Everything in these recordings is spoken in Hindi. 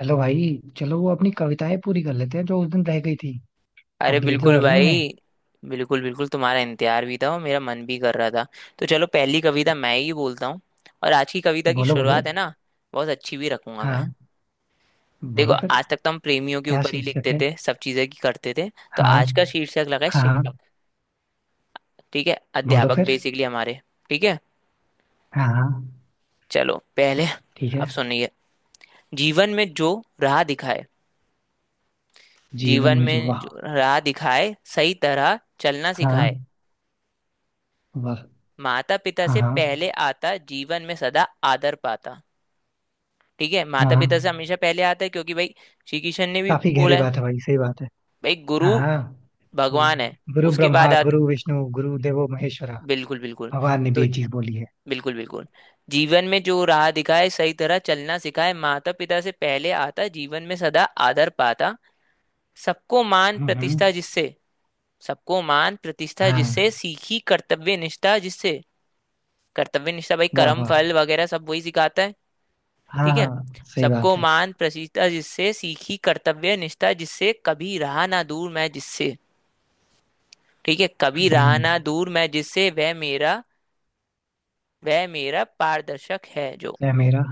हेलो भाई। चलो वो अपनी कविताएं पूरी कर लेते हैं जो उस दिन रह गई थी। अरे कंप्लीट तो बिल्कुल कर लें उन्हें। भाई। बिल्कुल बिल्कुल, तुम्हारा इंतजार भी था और मेरा मन भी कर रहा था। तो चलो पहली कविता मैं ही बोलता हूँ। और आज की कविता की बोलो बोलो। शुरुआत है ना, बहुत अच्छी भी रखूंगा मैं। हाँ। देखो बोलो फिर। आज तक तो हम प्रेमियों के क्या ऊपर ही शीर्षक लिखते है? थे, सब चीजें की करते थे। तो हाँ। आज का शीर्षक लगा है हाँ हाँ, शिक्षक। ठीक है, बोलो अध्यापक फिर। बेसिकली हमारे। ठीक है, हाँ हाँ, चलो पहले ठीक अब है। सुनिए। जीवन में जो राह दिखाए, जीवन जीवन में जो, में वाह। जो राह दिखाए सही तरह चलना सिखाए, हाँ, वाह। माता पिता से हाँ पहले आता, जीवन में सदा आदर पाता। ठीक है, हाँ माता पिता से हाँ। हमेशा पहले आता है क्योंकि भाई श्री कृष्ण ने भी काफी बोला गहरी है। बात है भाई, सही बात है। भाई गुरु हाँ हाँ। कि भगवान है, गुरु उसके बाद ब्रह्मा गुरु आता। विष्णु गुरु देवो महेश्वरा। बिल्कुल बिल्कुल। भगवान ने भी तो ये चीज बोली है। बिल्कुल बिल्कुल। जीवन में जो राह दिखाए सही तरह चलना सिखाए, माता पिता से पहले आता, जीवन में सदा आदर पाता। सबको मान हम्म हम्म, प्रतिष्ठा जिससे, सबको मान प्रतिष्ठा हाँ। जिससे, सीखी कर्तव्य निष्ठा जिससे। कर्तव्य निष्ठा भाई, वाह कर्म वाह। फल वगैरह सब वही सिखाता है। हाँ ठीक हाँ। है। सही बात सबको है। मान प्रसीता जिससे, सीखी कर्तव्य निष्ठा जिससे, कभी रहा ना दूर मैं जिससे। ठीक है, कभी रहा हम्म। ना दूर मैं जिससे, वह मेरा, वह मेरा पारदर्शक है जो। क्या मेरा,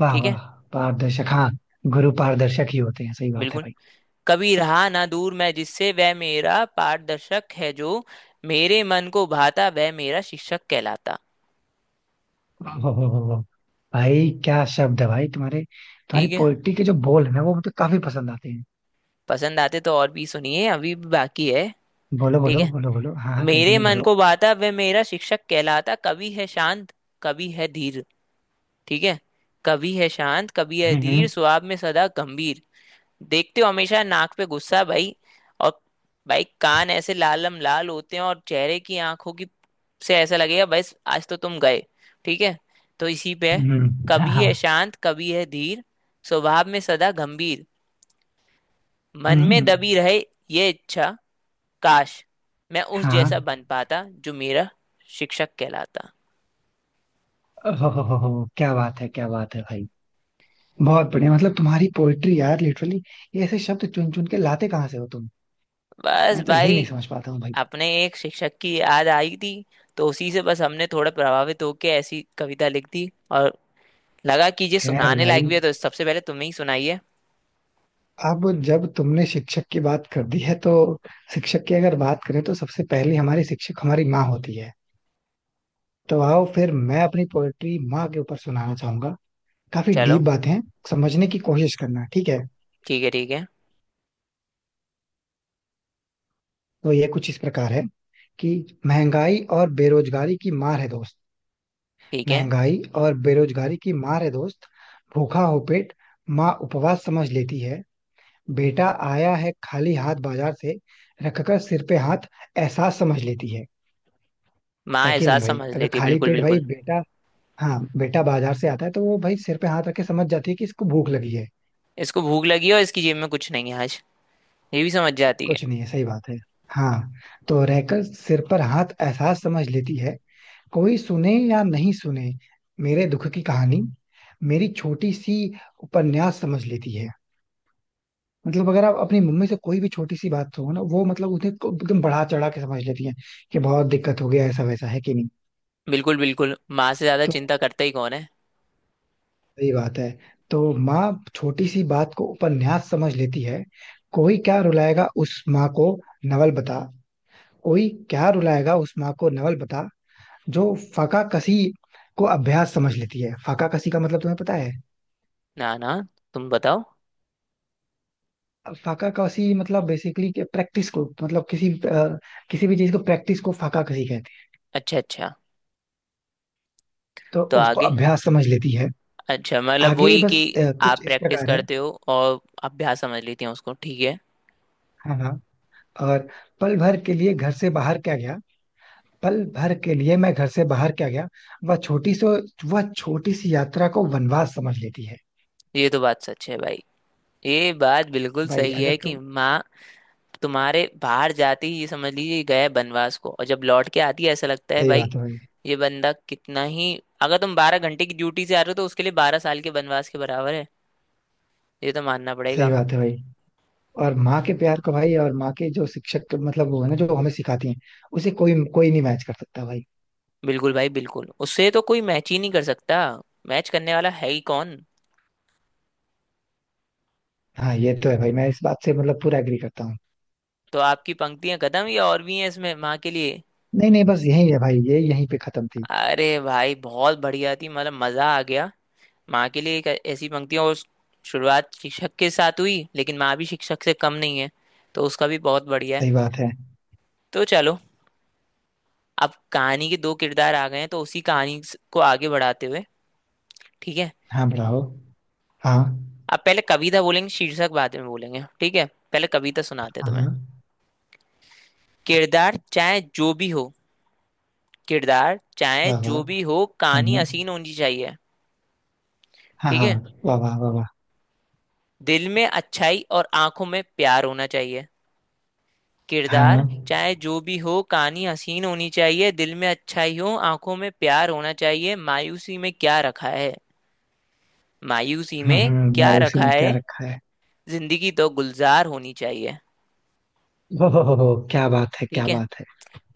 वाह ठीक है। वाह। पारदर्शक, हाँ। गुरु पारदर्शक ही होते हैं, सही बात है बिल्कुल। भाई। कभी रहा ना दूर मैं जिससे, वह मेरा पारदर्शक है जो मेरे मन को भाता, वह मेरा शिक्षक कहलाता। वाह, वाह, वाह, वाह, वाह। भाई क्या शब्द है भाई तुम्हारे। तुम्हारी ठीक है, पोइट्री के जो बोल है ना, वो मुझे काफी पसंद आते हैं। पसंद आते तो और भी सुनिए, अभी भी बाकी है। बोलो ठीक बोलो है। बोलो बोलो, हाँ हाँ, मेरे कंटिन्यू मन करो। को भाता वह मेरा शिक्षक कहलाता, कभी है शांत कभी है धीर। ठीक है। कभी है शांत कभी है हम्म धीर, हम्म स्वभाव में सदा गंभीर। देखते हो, हमेशा नाक पे गुस्सा भाई। और भाई कान ऐसे लालम लाल होते हैं और चेहरे की आंखों की से ऐसा लगेगा बस आज तो तुम गए। ठीक है, तो इसी पे है। हाँ कभी हाँ। है शांत कभी है धीर, स्वभाव में सदा गंभीर, मन हम्म, में हम्म, दबी रहे ये इच्छा, काश मैं उस हाँ। जैसा बन पाता जो मेरा शिक्षक कहलाता। हो, क्या बात है भाई। बहुत बढ़िया, मतलब तुम्हारी पोइट्री यार लिटरली ऐसे शब्द चुन चुन के लाते कहाँ से हो तुम। बस मैं तो यही भाई, नहीं समझ पाता हूँ भाई। अपने एक शिक्षक की याद आई थी, तो उसी से बस हमने थोड़ा प्रभावित होकर ऐसी कविता लिख दी। और लगा कि ये खैर सुनाने भाई, लायक भी है तो सबसे पहले तुम ही सुनाइए। अब जब तुमने शिक्षक की बात कर दी है तो शिक्षक की अगर बात करें तो सबसे पहले हमारी शिक्षक हमारी माँ होती है। तो आओ फिर मैं अपनी पोएट्री माँ के ऊपर सुनाना चाहूंगा। काफी चलो। डीप बातें हैं, समझने की कोशिश करना, ठीक है। ठीक है ठीक है। तो ये कुछ इस प्रकार है कि महंगाई और बेरोजगारी की मार है दोस्त। ठीक है, महंगाई और बेरोजगारी की मार है दोस्त। भूखा हो पेट, माँ उपवास समझ लेती है। बेटा आया है खाली हाथ बाजार से, रखकर सिर पे हाथ एहसास समझ लेती है। माँ है कि नहीं एहसास भाई? समझ अगर लेती है, खाली बिल्कुल पेट भाई बिल्कुल। बेटा, हाँ बेटा बाजार से आता है तो वो भाई सिर पे हाथ रख के समझ जाती है कि इसको भूख लगी है। इसको भूख लगी है और इसकी जेब में कुछ नहीं है आज, ये भी समझ जाती है। कुछ नहीं है, सही बात है। हाँ। तो रहकर सिर पर हाथ एहसास समझ लेती है। कोई सुने या नहीं सुने मेरे दुख की कहानी, मेरी छोटी सी उपन्यास समझ लेती है। मतलब अगर आप अपनी मम्मी से कोई भी छोटी सी बात हो ना, वो मतलब एकदम बढ़ा चढ़ा के समझ लेती है कि बहुत दिक्कत हो गया, ऐसा वैसा, है कि नहीं। बिल्कुल बिल्कुल, माँ से ज्यादा तो चिंता करता ही कौन है। सही बात है। तो माँ छोटी सी बात को उपन्यास समझ लेती है। कोई क्या रुलाएगा उस माँ को नवल बता। कोई क्या रुलाएगा उस माँ को नवल बता, जो फाका कसी को अभ्यास समझ लेती है। फाका कसी का मतलब तुम्हें पता है? ना ना, तुम बताओ। फाका कसी मतलब बेसिकली प्रैक्टिस को, मतलब किसी भी चीज को, प्रैक्टिस को फाका कसी कहते हैं। अच्छा अच्छा। तो तो उसको आगे? अभ्यास समझ लेती है। अच्छा मतलब आगे वही कि बस आप कुछ इस प्रैक्टिस प्रकार है। करते हो और अभ्यास समझ लेती हैं उसको। ठीक है। हाँ हाँ। और पल भर के लिए घर से बाहर क्या गया, पल भर के लिए मैं घर से बाहर क्या गया, वह छोटी सो वह छोटी सी यात्रा को वनवास समझ लेती है। ये तो बात सच है भाई, ये बात बिल्कुल भाई सही अगर है कि तुम, माँ, तुम्हारे बाहर जाती ही ये समझ लीजिए गए बनवास को, और जब लौट के आती है ऐसा लगता है सही भाई बात है भाई। ये बंदा कितना ही। अगर तुम बारह घंटे की ड्यूटी से आ रहे हो तो उसके लिए बारह साल के बनवास के बराबर है। ये तो मानना सही पड़ेगा। बात है भाई। और माँ के प्यार को भाई, और माँ के जो शिक्षक, मतलब वो है ना जो हमें सिखाती हैं, उसे कोई कोई नहीं मैच कर सकता भाई। बिल्कुल भाई बिल्कुल, उससे तो कोई मैच ही नहीं कर सकता, मैच करने वाला है ही कौन। हाँ ये तो है भाई, मैं इस बात से मतलब पूरा एग्री करता हूँ। तो आपकी पंक्तियां खत्म या और भी हैं इसमें माँ के लिए? नहीं नहीं, बस यही है भाई, ये यहीं पे खत्म थी। अरे भाई बहुत बढ़िया थी, मतलब मजा आ गया। माँ के लिए एक ऐसी पंक्तियाँ और, शुरुआत शिक्षक के साथ हुई लेकिन माँ भी शिक्षक से कम नहीं है, तो उसका भी बहुत बढ़िया है। सही बात है। तो चलो, अब कहानी के दो किरदार आ गए हैं तो उसी कहानी को आगे बढ़ाते हुए, ठीक है, हाँ बढ़ाओ। हाँ अब पहले कविता बोलेंगे शीर्षक बाद में बोलेंगे, ठीक है, पहले कविता सुनाते हैं तुम्हें। हाँ, किरदार चाहे जो भी हो, किरदार चाहे वाह वाह। जो भी हो कहानी हाँ हसीन होनी चाहिए। हाँ ठीक हाँ, है। वाह वाह वाह वाह। दिल में अच्छाई और आंखों में प्यार होना चाहिए। किरदार हाँ। चाहे जो भी हो कहानी हसीन होनी चाहिए, दिल में अच्छाई हो आंखों में प्यार होना चाहिए, मायूसी में क्या रखा है, मायूसी में क्या भाई उसी रखा में क्या है, रखा है। जिंदगी तो गुलजार होनी चाहिए। ओहो क्या बात है क्या ठीक है। बात है।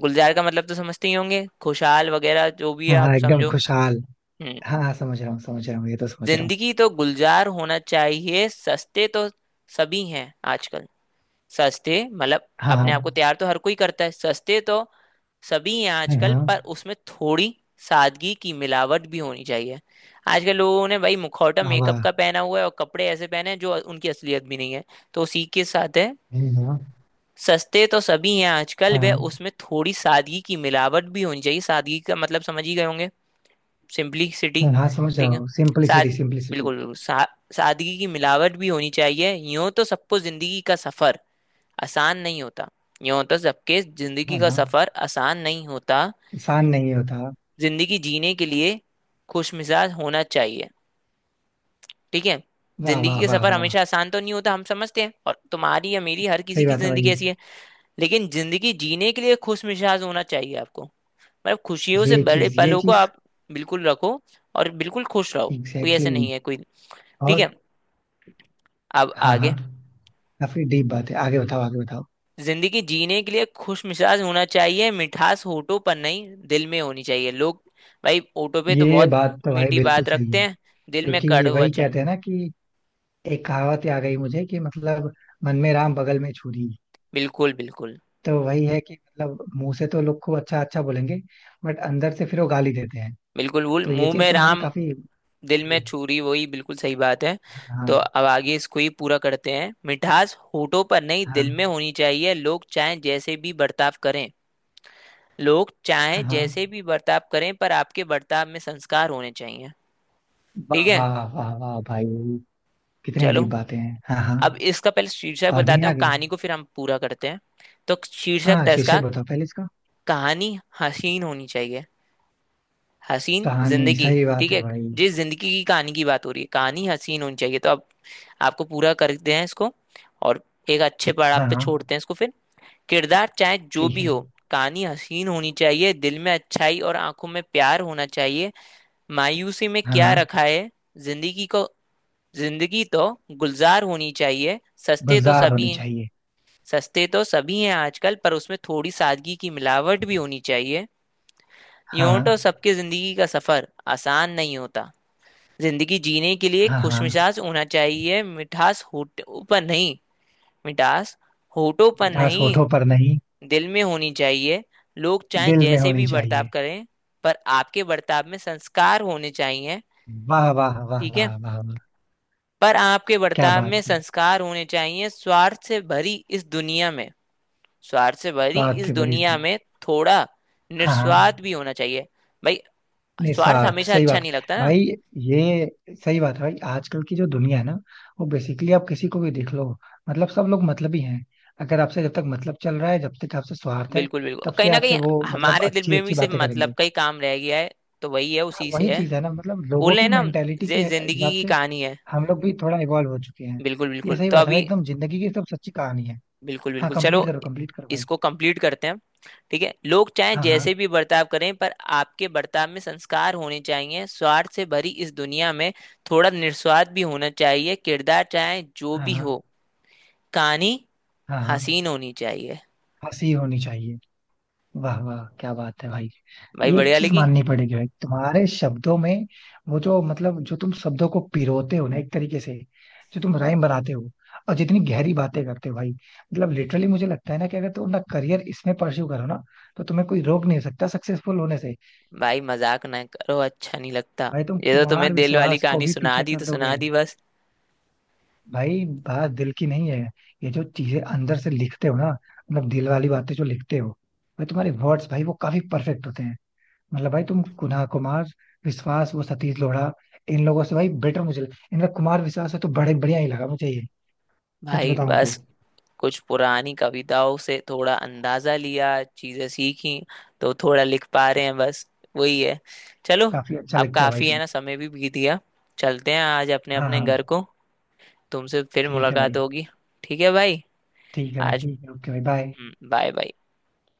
गुलजार का मतलब तो समझते ही होंगे, खुशहाल वगैरह जो भी है हाँ हाँ, आप एकदम समझो। खुशहाल। हम्म। हाँ हाँ, समझ रहा हूँ समझ रहा हूँ, ये तो समझ रहा हूँ। जिंदगी तो गुलजार होना चाहिए, सस्ते तो सभी हैं आजकल। सस्ते मतलब हाँ अपने आप हाँ। को तैयार तो हर कोई करता है। सस्ते तो सभी हैं हाँ आजकल, पर हाँ। उसमें थोड़ी सादगी की मिलावट भी होनी चाहिए। आजकल लोगों ने भाई मुखौटा वाह वाह। मेकअप का पहना हुआ है, और कपड़े ऐसे पहने हैं जो उनकी असलियत भी नहीं है। तो उसी के साथ है। हम्म, हम्म, सस्ते तो सभी हैं आजकल, हाँ वे हाँ। उसमें थोड़ी सादगी की मिलावट भी होनी चाहिए। सादगी का मतलब समझ ही गए होंगे, सिंपलिसिटी। हाँ हाँ, समझ रहा ठीक है। हूँ सिंपलिसिटी साद सिंपलिसिटी। बिल्कुल बिल्कुल, सादगी की मिलावट भी होनी चाहिए। यूं तो सबको जिंदगी का सफर आसान नहीं होता, ये होता सबके जिंदगी हाँ का हाँ। सफर आसान नहीं होता, आसान नहीं होता। जिंदगी जीने के लिए खुश मिजाज होना चाहिए। ठीक है। वाह जिंदगी वाह का वाह सफर वाह। हमेशा आसान तो नहीं होता, हम समझते हैं, और तुम्हारी या मेरी हर किसी सही की बात है जिंदगी भाई। ऐसी है। लेकिन जिंदगी जीने के लिए खुश मिजाज होना चाहिए आपको, मतलब खुशियों से ये बड़े चीज ये पलों को चीज, आप बिल्कुल रखो और बिल्कुल खुश रहो, कोई एग्जैक्टली ऐसे नहीं exactly। है कोई। ठीक और, है, अब हाँ आगे। हाँ। काफी डीप बात है, आगे बताओ आगे बताओ। जिंदगी जीने के लिए खुश मिजाज होना चाहिए, मिठास होठों पर नहीं दिल में होनी चाहिए। लोग भाई होठों पे तो ये बहुत बात तो भाई मीठी बिल्कुल बात सही रखते है। हैं, दिल में क्योंकि कड़वा वही वचन। कहते हैं ना कि, एक कहावत आ गई मुझे कि मतलब, मन में राम बगल में छुरी। बिल्कुल बिल्कुल। तो वही है कि मतलब मुंह से तो लोग खूब अच्छा अच्छा बोलेंगे, बट अंदर से फिर वो गाली देते हैं। बिल्कुल भूल, तो ये मुंह चीज में तुम्हारी राम काफी दिल में गहरी। छुरी, वही बिल्कुल सही बात है। तो हाँ। अब आगे इसको ही पूरा करते हैं। मिठास होठों पर नहीं हाँ दिल में होनी चाहिए, लोग चाहे जैसे भी बर्ताव करें, लोग चाहे हाँ, हाँ जैसे भी बर्ताव करें पर आपके बर्ताव में संस्कार होने चाहिए। ठीक वाह है। वाह वाह वाह भाई। कितनी चलो, डीप बातें हैं, हाँ हाँ। अब इसका पहले शीर्षक और भी बताते हैं और आगे। कहानी को फिर हम पूरा करते हैं। तो शीर्षक हाँ था शीर्षक इसका, बताओ पहले इसका। कहानी हसीन होनी चाहिए, हसीन कहानी, जिंदगी। सही बात ठीक है है, भाई। जिस जिंदगी की कहानी की बात हो रही है, कहानी हसीन होनी चाहिए। तो अब आपको पूरा करते हैं इसको, और एक अच्छे पड़ाव हाँ पे हाँ। छोड़ते हैं इसको फिर। किरदार चाहे जो ठीक भी है। हो कहानी हसीन होनी चाहिए, दिल में अच्छाई और आंखों में प्यार होना चाहिए, मायूसी में क्या हाँ, रखा है, जिंदगी को, जिंदगी तो गुलजार होनी चाहिए, सस्ते तो गुलजार सभी होनी चाहिए। सस्ते तो सभी हैं आजकल, पर उसमें थोड़ी सादगी की मिलावट भी होनी चाहिए, यूं हाँ तो सबकी जिंदगी का सफर आसान नहीं होता, जिंदगी जीने के लिए हाँ। हाँ, खुशमिजाज होना चाहिए, मिठास होठों पर मिठास नहीं होठों पर नहीं, दिल में होनी चाहिए, लोग चाहे दिल में जैसे होनी भी बर्ताव चाहिए। करें पर आपके बर्ताव में संस्कार होने चाहिए। वाह वाह वाह ठीक है। वाह वाह वाह, पर आपके क्या बर्ताव बात में है। संस्कार होने चाहिए, इस दुनिया में स्वार्थ से भरी स्वाद इस से भरी दुनिया तुम्हें। में थोड़ा हाँ हाँ। निस्वार्थ भी होना चाहिए भाई, स्वार्थ निस्वार्थ, हमेशा सही अच्छा बात। नहीं लगता ना। भाई ये सही बात है भाई, आजकल की जो दुनिया है ना, वो बेसिकली आप किसी को भी देख लो, मतलब सब लोग मतलबी हैं। अगर आपसे जब तक मतलब चल रहा है, जब तक आपसे स्वार्थ है, बिल्कुल तब बिल्कुल, कहीं से ना कहीं आपसे वो मतलब हमारे दिल अच्छी में भी अच्छी सिर्फ बातें मतलब करेंगे। का ही काम रह गया है, तो वही है हाँ उसी वही से है। चीज है ना, मतलब बोल लोगों रहे की हैं ना हम, मेंटेलिटी के ये जिंदगी हिसाब की से कहानी है। हम लोग भी थोड़ा इवॉल्व हो चुके हैं। बिल्कुल ये बिल्कुल, सही तो बात है भाई, अभी एकदम जिंदगी की एकदम सच्ची कहानी है। बिल्कुल हाँ, बिल्कुल, चलो कंप्लीट करो भाई। इसको कंप्लीट करते हैं। ठीक है, लोग चाहे हाँ हाँ। जैसे भी बर्ताव करें पर आपके बर्ताव में संस्कार होने चाहिए, स्वार्थ से भरी इस दुनिया में थोड़ा निस्वार्थ भी होना चाहिए, किरदार चाहे जो हाँ भी हाँ। हो कहानी हाँ हाँ हाँ, हसीन होनी चाहिए। हंसी होनी चाहिए। वाह वाह, क्या बात है भाई। भाई ये एक बढ़िया चीज लगी। माननी पड़ेगी भाई, तुम्हारे शब्दों में, वो जो मतलब जो तुम शब्दों को पिरोते हो ना एक तरीके से, जो तुम राइम बनाते हो, और जितनी गहरी बातें करते हो भाई, मतलब लिटरली मुझे लगता है ना कि अगर तुम अपना करियर इसमें परस्यू करो ना, तो तुम्हें कोई रोक नहीं सकता सक्सेसफुल होने से। भाई मजाक ना करो, अच्छा नहीं लगता। भाई तुम ये तो तुम्हें कुमार दिल वाली विश्वास को कहानी भी सुना पीछे दी कर तो सुना दोगे। दी बस। भाई बात दिल की नहीं है, ये जो चीजें अंदर से लिखते हो ना, मतलब दिल वाली बातें जो लिखते हो, भाई तुम्हारे वर्ड्स भाई वो काफी परफेक्ट होते हैं। मतलब भाई तुम कुना कुमार विश्वास, वो सतीश लोढ़ा, इन लोगों से भाई बेटर, मुझे लगा इनका कुमार विश्वास है तो बड़े बढ़िया ही लगा मुझे ये, सच भाई बताऊं तो। बस कुछ पुरानी कविताओं से थोड़ा अंदाजा लिया, चीजें सीखी, तो थोड़ा लिख पा रहे हैं बस, वही है। चलो, काफी अच्छा अब लगता है भाई काफी है तुम। ना, समय भी बीत गया, चलते हैं आज अपने हाँ अपने घर हाँ, को, तुमसे फिर ठीक है मुलाकात भाई, होगी। ठीक है भाई। ठीक है भाई, आज, ठीक है ओके भाई बाय। Bye bye.